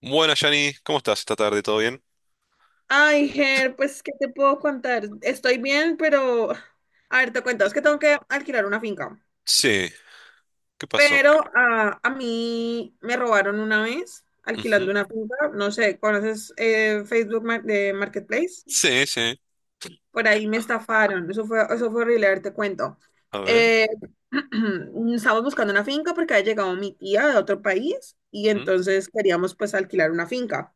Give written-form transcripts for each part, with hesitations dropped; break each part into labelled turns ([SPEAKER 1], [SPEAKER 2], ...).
[SPEAKER 1] Buenas, Yanni, ¿cómo estás esta tarde? ¿Todo bien?
[SPEAKER 2] Ay, Ger, pues, ¿qué te puedo contar? Estoy bien, pero... A ver, te cuento, es que tengo que alquilar una finca.
[SPEAKER 1] Sí, ¿qué pasó?
[SPEAKER 2] Pero a mí me robaron una vez alquilando
[SPEAKER 1] Ujú.
[SPEAKER 2] una finca. No sé, ¿conoces Facebook de Marketplace?
[SPEAKER 1] Sí, sí,
[SPEAKER 2] Por ahí me estafaron. Eso fue horrible, a ver, te cuento.
[SPEAKER 1] a ver.
[SPEAKER 2] Eh, estábamos buscando una finca porque había llegado mi tía de otro país y
[SPEAKER 1] Mm,
[SPEAKER 2] entonces queríamos pues alquilar una finca.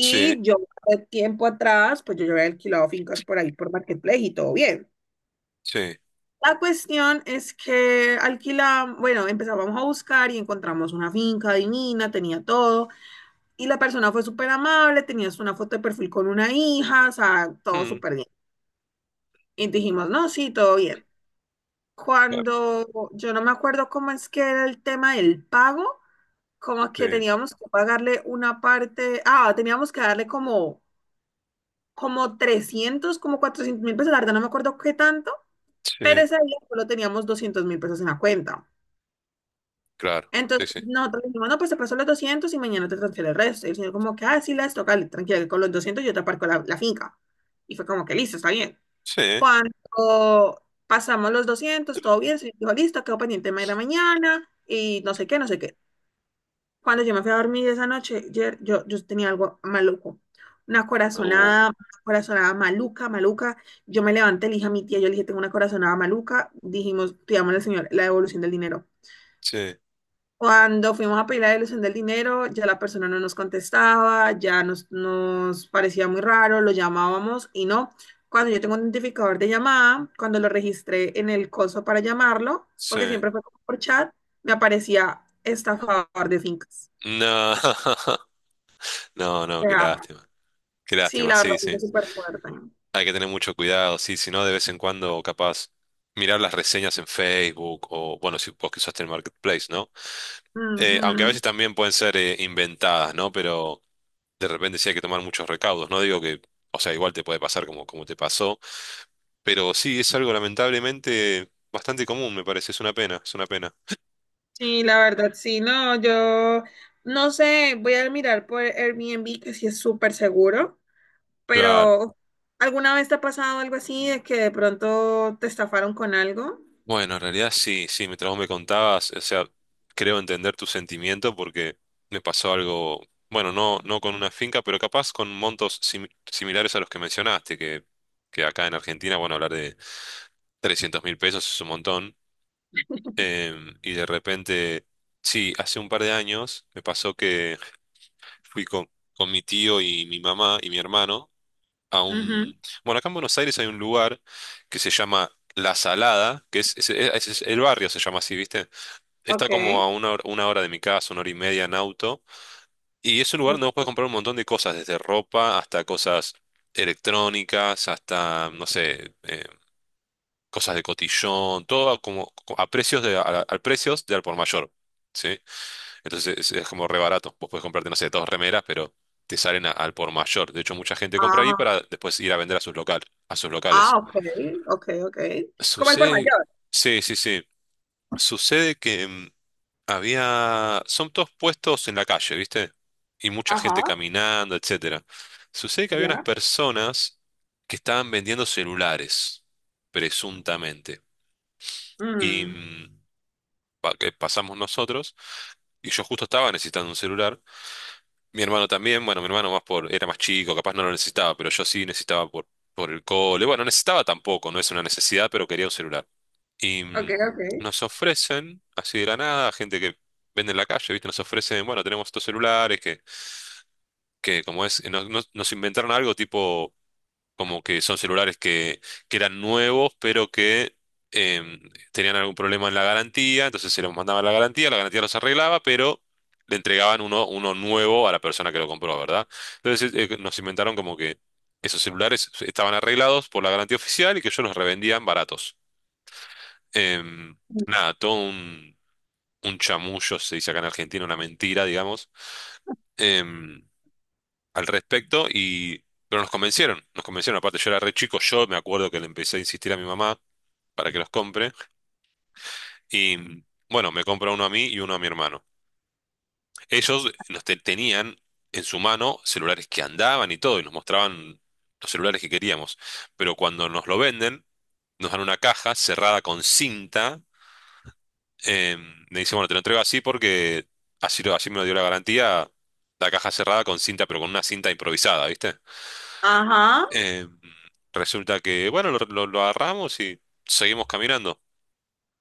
[SPEAKER 1] sí,
[SPEAKER 2] yo, hace tiempo atrás, pues yo ya había alquilado fincas por ahí, por Marketplace y todo bien.
[SPEAKER 1] sí.
[SPEAKER 2] La cuestión es que alquilamos, bueno, empezábamos a buscar y encontramos una finca divina, tenía todo. Y la persona fue súper amable, tenías una foto de perfil con una hija, o sea, todo
[SPEAKER 1] Mm,
[SPEAKER 2] súper bien. Y dijimos, no, sí, todo bien.
[SPEAKER 1] claro.
[SPEAKER 2] Cuando yo no me acuerdo cómo es que era el tema del pago, como que
[SPEAKER 1] Sí,
[SPEAKER 2] teníamos que pagarle una parte, ah, teníamos que darle como 300 como 400.000 pesos, la verdad no me acuerdo qué tanto, pero
[SPEAKER 1] sí,
[SPEAKER 2] ese día solo teníamos 200.000 pesos en la cuenta.
[SPEAKER 1] claro. Sí,
[SPEAKER 2] Entonces
[SPEAKER 1] sí.
[SPEAKER 2] nosotros dijimos, no, pues te paso los 200 y mañana te transfiero el resto. Y el señor como que, ah, sí, las toca, tranquila, que con los 200 yo te aparco la finca. Y fue como que, listo, está bien.
[SPEAKER 1] Sí,
[SPEAKER 2] Cuando pasamos los 200 todo bien, se dijo, listo, quedó pendiente de ir a mañana y no sé qué, no sé qué. Cuando yo me fui a dormir esa noche, Jer, yo tenía algo maluco.
[SPEAKER 1] uh,
[SPEAKER 2] Una corazonada maluca, maluca. Yo me levanté, le dije a mi tía, yo le dije, tengo una corazonada maluca. Dijimos, pidamos al señor la devolución del dinero.
[SPEAKER 1] sí,
[SPEAKER 2] Cuando fuimos a pedir la devolución del dinero, ya la persona no nos contestaba, ya nos parecía muy raro, lo llamábamos y no. Cuando yo tengo un identificador de llamada, cuando lo registré en el coso para llamarlo,
[SPEAKER 1] sí.
[SPEAKER 2] porque siempre fue como por chat, me aparecía estafador de fincas.
[SPEAKER 1] No, no,
[SPEAKER 2] O
[SPEAKER 1] no, qué
[SPEAKER 2] sea,
[SPEAKER 1] lástima. Qué
[SPEAKER 2] sí,
[SPEAKER 1] lástima,
[SPEAKER 2] la
[SPEAKER 1] sí,
[SPEAKER 2] verdad,
[SPEAKER 1] sí.
[SPEAKER 2] es súper fuerte.
[SPEAKER 1] Hay que tener mucho cuidado, sí, si no, de vez en cuando, capaz, mirar las reseñas en Facebook o, bueno, si vos que usaste el Marketplace, ¿no? Aunque a
[SPEAKER 2] Ujú.
[SPEAKER 1] veces también pueden ser inventadas, ¿no? Pero de repente sí hay que tomar muchos recaudos. No digo que, o sea, igual te puede pasar como, te pasó, pero sí es algo lamentablemente bastante común, me parece. Es una pena, es una pena.
[SPEAKER 2] Sí, la verdad, sí, no, yo no sé, voy a mirar por Airbnb, que sí es súper seguro,
[SPEAKER 1] Claro.
[SPEAKER 2] pero ¿alguna vez te ha pasado algo así de que de pronto te estafaron con algo?
[SPEAKER 1] Bueno, en realidad sí, sí, mientras vos me contabas, o sea, creo entender tu sentimiento porque me pasó algo, bueno, no, no con una finca, pero capaz con montos similares a los que mencionaste, que, acá en Argentina, bueno, hablar de 300.000 pesos es un montón. Y de repente, sí, hace un par de años me pasó que fui con mi tío y mi mamá y mi hermano a
[SPEAKER 2] Ujú.
[SPEAKER 1] un... Bueno, acá en Buenos Aires hay un lugar que se llama La Salada, que el barrio se llama así, ¿viste? Está
[SPEAKER 2] Ok.
[SPEAKER 1] como a una hora de mi casa, una hora y media en auto, y es un lugar
[SPEAKER 2] Ok.
[SPEAKER 1] donde vos podés comprar un montón de cosas, desde ropa hasta cosas electrónicas, hasta, no sé, cosas de cotillón, todo como a precios de, a precios de al por mayor. ¿Sí? Entonces es, como re barato. Vos podés comprarte, no sé, dos remeras, pero te salen al por mayor. De hecho, mucha gente compra ahí
[SPEAKER 2] Ah,
[SPEAKER 1] para después ir a vender a a sus
[SPEAKER 2] ah,
[SPEAKER 1] locales.
[SPEAKER 2] ok, ok, ok. Es como el por
[SPEAKER 1] Sucede,
[SPEAKER 2] mayor.
[SPEAKER 1] sí, sí, sí. Sucede que son todos puestos en la calle, ¿viste? Y mucha
[SPEAKER 2] Ajá,
[SPEAKER 1] gente caminando, etcétera. Sucede que había unas
[SPEAKER 2] ya.
[SPEAKER 1] personas que estaban vendiendo celulares, presuntamente. Y
[SPEAKER 2] Mm,
[SPEAKER 1] que pasamos nosotros, y yo justo estaba necesitando un celular. Mi hermano también, bueno, mi hermano más por, era más chico, capaz no lo necesitaba, pero yo sí necesitaba por, el cole. Bueno, necesitaba tampoco, no es una necesidad, pero quería un celular. Y
[SPEAKER 2] ok, ok.
[SPEAKER 1] nos ofrecen, así de la nada, gente que vende en la calle, ¿viste? Nos ofrecen, bueno, tenemos estos celulares que, como es, nos inventaron algo tipo como que son celulares que eran nuevos, pero que em, tenían algún problema en la garantía, entonces se los mandaba a la garantía los arreglaba, pero le entregaban uno nuevo a la persona que lo compró, ¿verdad? Entonces nos inventaron como que esos celulares estaban arreglados por la garantía oficial y que ellos los revendían baratos. Em, Nada, todo un chamullo, se dice acá en Argentina, una mentira, digamos. Em, Al respecto y pero nos convencieron, aparte yo era re chico, yo me acuerdo que le empecé a insistir a mi mamá para que los compre y bueno, me compra uno a mí y uno a mi hermano. Ellos nos tenían en su mano celulares que andaban y todo y nos mostraban los celulares que queríamos, pero cuando nos lo venden, nos dan una caja cerrada con cinta, eh, me dicen, bueno, te lo entrego así porque así me lo dio la garantía, la caja cerrada con cinta, pero con una cinta improvisada, ¿viste?
[SPEAKER 2] Ajá.
[SPEAKER 1] Eh, Resulta que, bueno, lo agarramos y seguimos caminando.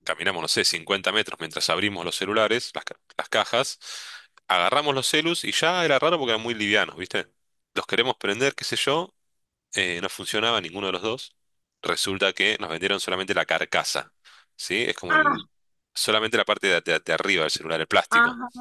[SPEAKER 1] Caminamos, no sé, 50 metros mientras abrimos los celulares, las cajas. Agarramos los celus y ya era raro porque eran muy livianos, ¿viste? Los queremos prender, qué sé yo. No funcionaba ninguno de los dos. Resulta que nos vendieron solamente la carcasa, ¿sí? Es como
[SPEAKER 2] Ah,
[SPEAKER 1] solamente la parte de arriba del celular, el plástico.
[SPEAKER 2] ajá.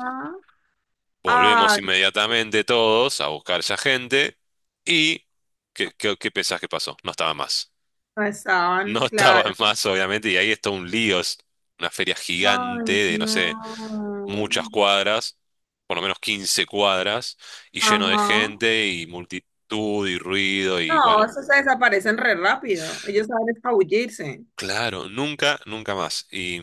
[SPEAKER 1] Volvemos
[SPEAKER 2] Ah,
[SPEAKER 1] inmediatamente todos a buscar esa gente y... ¿Qué pensás que pasó? No estaba más.
[SPEAKER 2] no estaban,
[SPEAKER 1] No estaba
[SPEAKER 2] claro.
[SPEAKER 1] más, obviamente, y ahí está un lío, es una feria
[SPEAKER 2] Ay,
[SPEAKER 1] gigante de, no
[SPEAKER 2] no.
[SPEAKER 1] sé, muchas cuadras, por lo menos 15 cuadras, y lleno de
[SPEAKER 2] Ajá.
[SPEAKER 1] gente y multitud y ruido y
[SPEAKER 2] No,
[SPEAKER 1] bueno,
[SPEAKER 2] esos se desaparecen re rápido. Ellos saben escabullirse.
[SPEAKER 1] claro, nunca, nunca más. Y,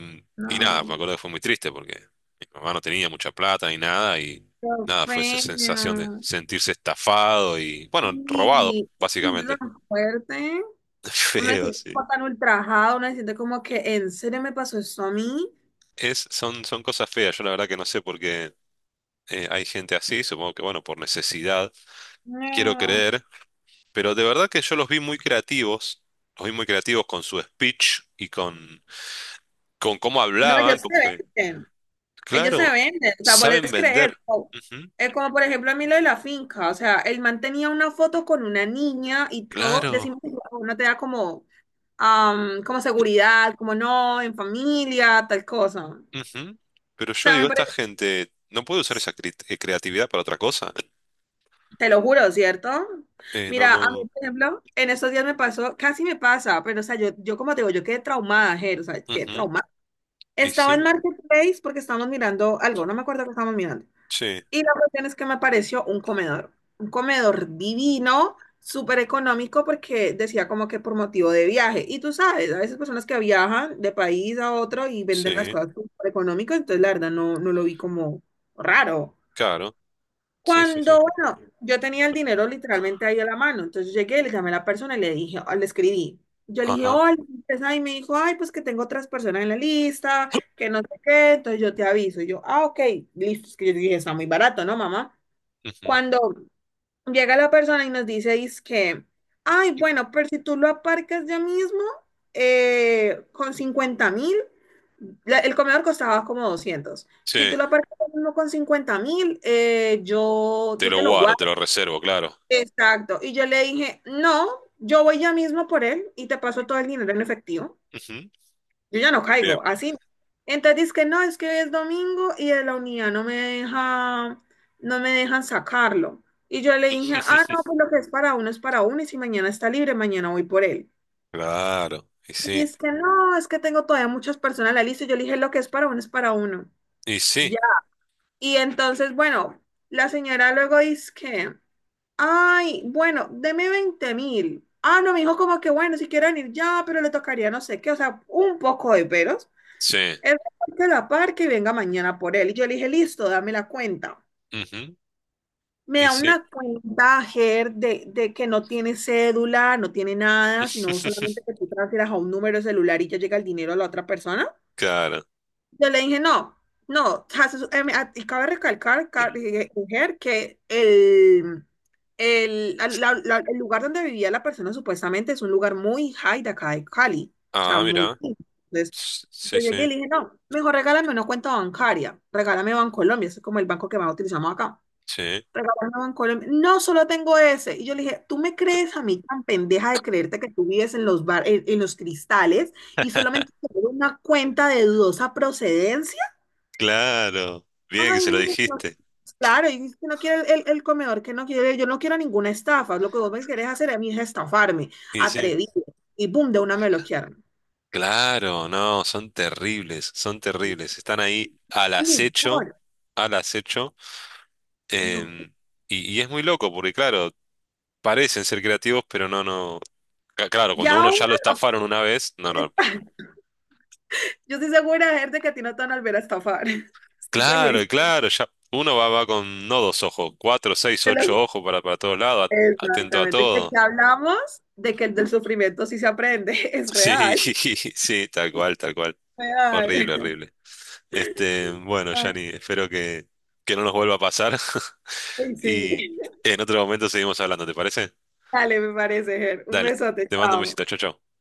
[SPEAKER 1] y nada, me
[SPEAKER 2] No,
[SPEAKER 1] acuerdo que fue muy triste porque mi mamá no tenía mucha plata ni nada y
[SPEAKER 2] qué
[SPEAKER 1] nada, fue esa sensación de
[SPEAKER 2] fea.
[SPEAKER 1] sentirse estafado y, bueno, robado,
[SPEAKER 2] Y se siente
[SPEAKER 1] básicamente.
[SPEAKER 2] tan fuerte. Uno se
[SPEAKER 1] Feo,
[SPEAKER 2] siente
[SPEAKER 1] sí.
[SPEAKER 2] como tan ultrajado. Uno se siente como que, ¿en serio me pasó esto a mí?
[SPEAKER 1] Es, son cosas feas, yo la verdad que no sé por qué. Hay gente así, supongo que, bueno, por necesidad, quiero
[SPEAKER 2] No.
[SPEAKER 1] creer, pero de verdad que yo los vi muy creativos, los vi muy creativos con su speech y con, cómo
[SPEAKER 2] No,
[SPEAKER 1] hablaban,
[SPEAKER 2] ellos se
[SPEAKER 1] como que,
[SPEAKER 2] venden. Ellos se
[SPEAKER 1] claro,
[SPEAKER 2] venden. O sea, vos
[SPEAKER 1] saben
[SPEAKER 2] les crees.
[SPEAKER 1] vender.
[SPEAKER 2] O-
[SPEAKER 1] Ujú,
[SPEAKER 2] Es como, por ejemplo, a mí lo de la finca. O sea, el man tenía una foto con una niña y todo.
[SPEAKER 1] claro,
[SPEAKER 2] Decimos, que no te da como como seguridad, como no, en familia, tal cosa. O
[SPEAKER 1] ujú. Pero yo
[SPEAKER 2] sea, me
[SPEAKER 1] digo, esta
[SPEAKER 2] parece,
[SPEAKER 1] gente no puede usar esa creatividad para otra cosa.
[SPEAKER 2] te lo juro, ¿cierto?
[SPEAKER 1] No,
[SPEAKER 2] Mira, a mí,
[SPEAKER 1] no,
[SPEAKER 2] por ejemplo, en estos días me pasó, casi me pasa, pero, o sea, yo como te digo, yo quedé traumada, Ger, o sea, quedé
[SPEAKER 1] ujú.
[SPEAKER 2] traumada.
[SPEAKER 1] Y
[SPEAKER 2] Estaba en
[SPEAKER 1] sí,
[SPEAKER 2] Marketplace porque estábamos mirando algo, no me acuerdo qué estábamos mirando.
[SPEAKER 1] sí,
[SPEAKER 2] Y la cuestión es que me pareció un comedor divino, súper económico, porque decía como que por motivo de viaje. Y tú sabes, a veces personas que viajan de país a otro y venden las
[SPEAKER 1] sí,
[SPEAKER 2] cosas súper económico, entonces la verdad no, no lo vi como raro.
[SPEAKER 1] claro, sí, sí, sí.
[SPEAKER 2] Cuando, bueno, yo tenía el dinero literalmente ahí a la mano, entonces llegué, le llamé a la persona y le dije, le escribí. Yo le dije,
[SPEAKER 1] Ajá.
[SPEAKER 2] hola, empresa", y me dijo, ay, pues que tengo otras personas en la lista, que no sé qué, entonces yo te aviso. Y yo, ah, ok, listo, es que yo dije, está muy barato, ¿no, mamá? Cuando
[SPEAKER 1] Ujú.
[SPEAKER 2] llega la persona y nos dice, que, ay, bueno, pero si tú lo aparcas ya mismo, con 50.000, el comedor costaba como 200.
[SPEAKER 1] Sí,
[SPEAKER 2] Si tú lo aparcas ya mismo con 50.000, yo,
[SPEAKER 1] te
[SPEAKER 2] yo
[SPEAKER 1] lo
[SPEAKER 2] te lo
[SPEAKER 1] guardo, te
[SPEAKER 2] guardo.
[SPEAKER 1] lo reservo, claro.
[SPEAKER 2] Exacto. Y yo le dije, no, yo voy ya mismo por él y te paso todo el dinero en efectivo.
[SPEAKER 1] Ujú,
[SPEAKER 2] Yo ya no
[SPEAKER 1] bien.
[SPEAKER 2] caigo, así. Entonces dice que no, es que hoy es domingo y de la unidad no me deja, no me dejan sacarlo. Y yo le dije, ah, no, pues lo que es para uno y si mañana está libre, mañana voy por él.
[SPEAKER 1] Claro,
[SPEAKER 2] Y es que no, es que tengo todavía muchas personas en la lista. Y yo le dije, lo que es para uno es para uno.
[SPEAKER 1] y sí,
[SPEAKER 2] Ya. Y entonces, bueno, la señora luego dice que, ay, bueno, deme 20.000. Ah, no, me dijo como que, bueno, si quieren ir ya, pero le tocaría no sé qué, o sea, un poco de peros.
[SPEAKER 1] sí,
[SPEAKER 2] Él que la par que venga mañana por él. Y yo le dije, listo, dame la cuenta.
[SPEAKER 1] ujú,
[SPEAKER 2] Me
[SPEAKER 1] y
[SPEAKER 2] da
[SPEAKER 1] sí,
[SPEAKER 2] una cuenta, Ger, de que no tiene cédula, no tiene nada, sino solamente que tú transfieras a un número de celular y ya llega el dinero a la otra persona.
[SPEAKER 1] claro.
[SPEAKER 2] Yo le dije, no, no, y cabe recalcar, Ger, que el lugar donde vivía la persona supuestamente es un lugar muy high de acá de Cali, o sea,
[SPEAKER 1] Ah,
[SPEAKER 2] muy...
[SPEAKER 1] mira,
[SPEAKER 2] Yo
[SPEAKER 1] sí,
[SPEAKER 2] llegué y
[SPEAKER 1] sí,
[SPEAKER 2] le dije, no, me dijo, regálame una cuenta bancaria, regálame Bancolombia, ese es como el banco que más utilizamos acá.
[SPEAKER 1] sí,
[SPEAKER 2] Regálame Bancolombia, no, solo tengo ese. Y yo le dije, ¿tú me crees a mí tan pendeja de creerte que tú vives en los bar, en los cristales y solamente tengo una cuenta de dudosa procedencia?
[SPEAKER 1] claro, bien que
[SPEAKER 2] Ay,
[SPEAKER 1] se lo
[SPEAKER 2] niño, no.
[SPEAKER 1] dijiste,
[SPEAKER 2] Claro, y dice que no quiere el comedor, que no quiere, yo no quiero ninguna estafa, lo que vos me querés hacer a mí es estafarme,
[SPEAKER 1] y sí,
[SPEAKER 2] atrevido, y boom, de una me bloquearon.
[SPEAKER 1] claro, no, son terribles, están ahí
[SPEAKER 2] Mi amor,
[SPEAKER 1] al acecho,
[SPEAKER 2] no.
[SPEAKER 1] em, y es muy loco porque, claro, parecen ser creativos, pero no, no, claro, cuando
[SPEAKER 2] Ya
[SPEAKER 1] uno
[SPEAKER 2] uno
[SPEAKER 1] ya lo estafaron una vez, no,
[SPEAKER 2] no
[SPEAKER 1] no,
[SPEAKER 2] Yo estoy segura, Ger, de que a ti no te van a volver a estafar. Estoy
[SPEAKER 1] Claro,
[SPEAKER 2] segurísima.
[SPEAKER 1] claro, ya uno va, con no dos ojos, cuatro, seis,
[SPEAKER 2] De lo-
[SPEAKER 1] ocho ojos para todos lados, atento a
[SPEAKER 2] Exactamente. De
[SPEAKER 1] todo.
[SPEAKER 2] que hablamos de que el del sufrimiento sí se aprende. Es
[SPEAKER 1] Sí,
[SPEAKER 2] real.
[SPEAKER 1] sí, tal cual, tal cual. Horrible,
[SPEAKER 2] Real.
[SPEAKER 1] horrible. Este, bueno, Yanni, espero que, no nos vuelva a pasar
[SPEAKER 2] Ay, sí.
[SPEAKER 1] y en otro momento seguimos hablando, ¿te parece?
[SPEAKER 2] Dale, me parece, Ger. Un
[SPEAKER 1] Dale,
[SPEAKER 2] besote,
[SPEAKER 1] te mando un
[SPEAKER 2] chao.
[SPEAKER 1] besito, chau, chau.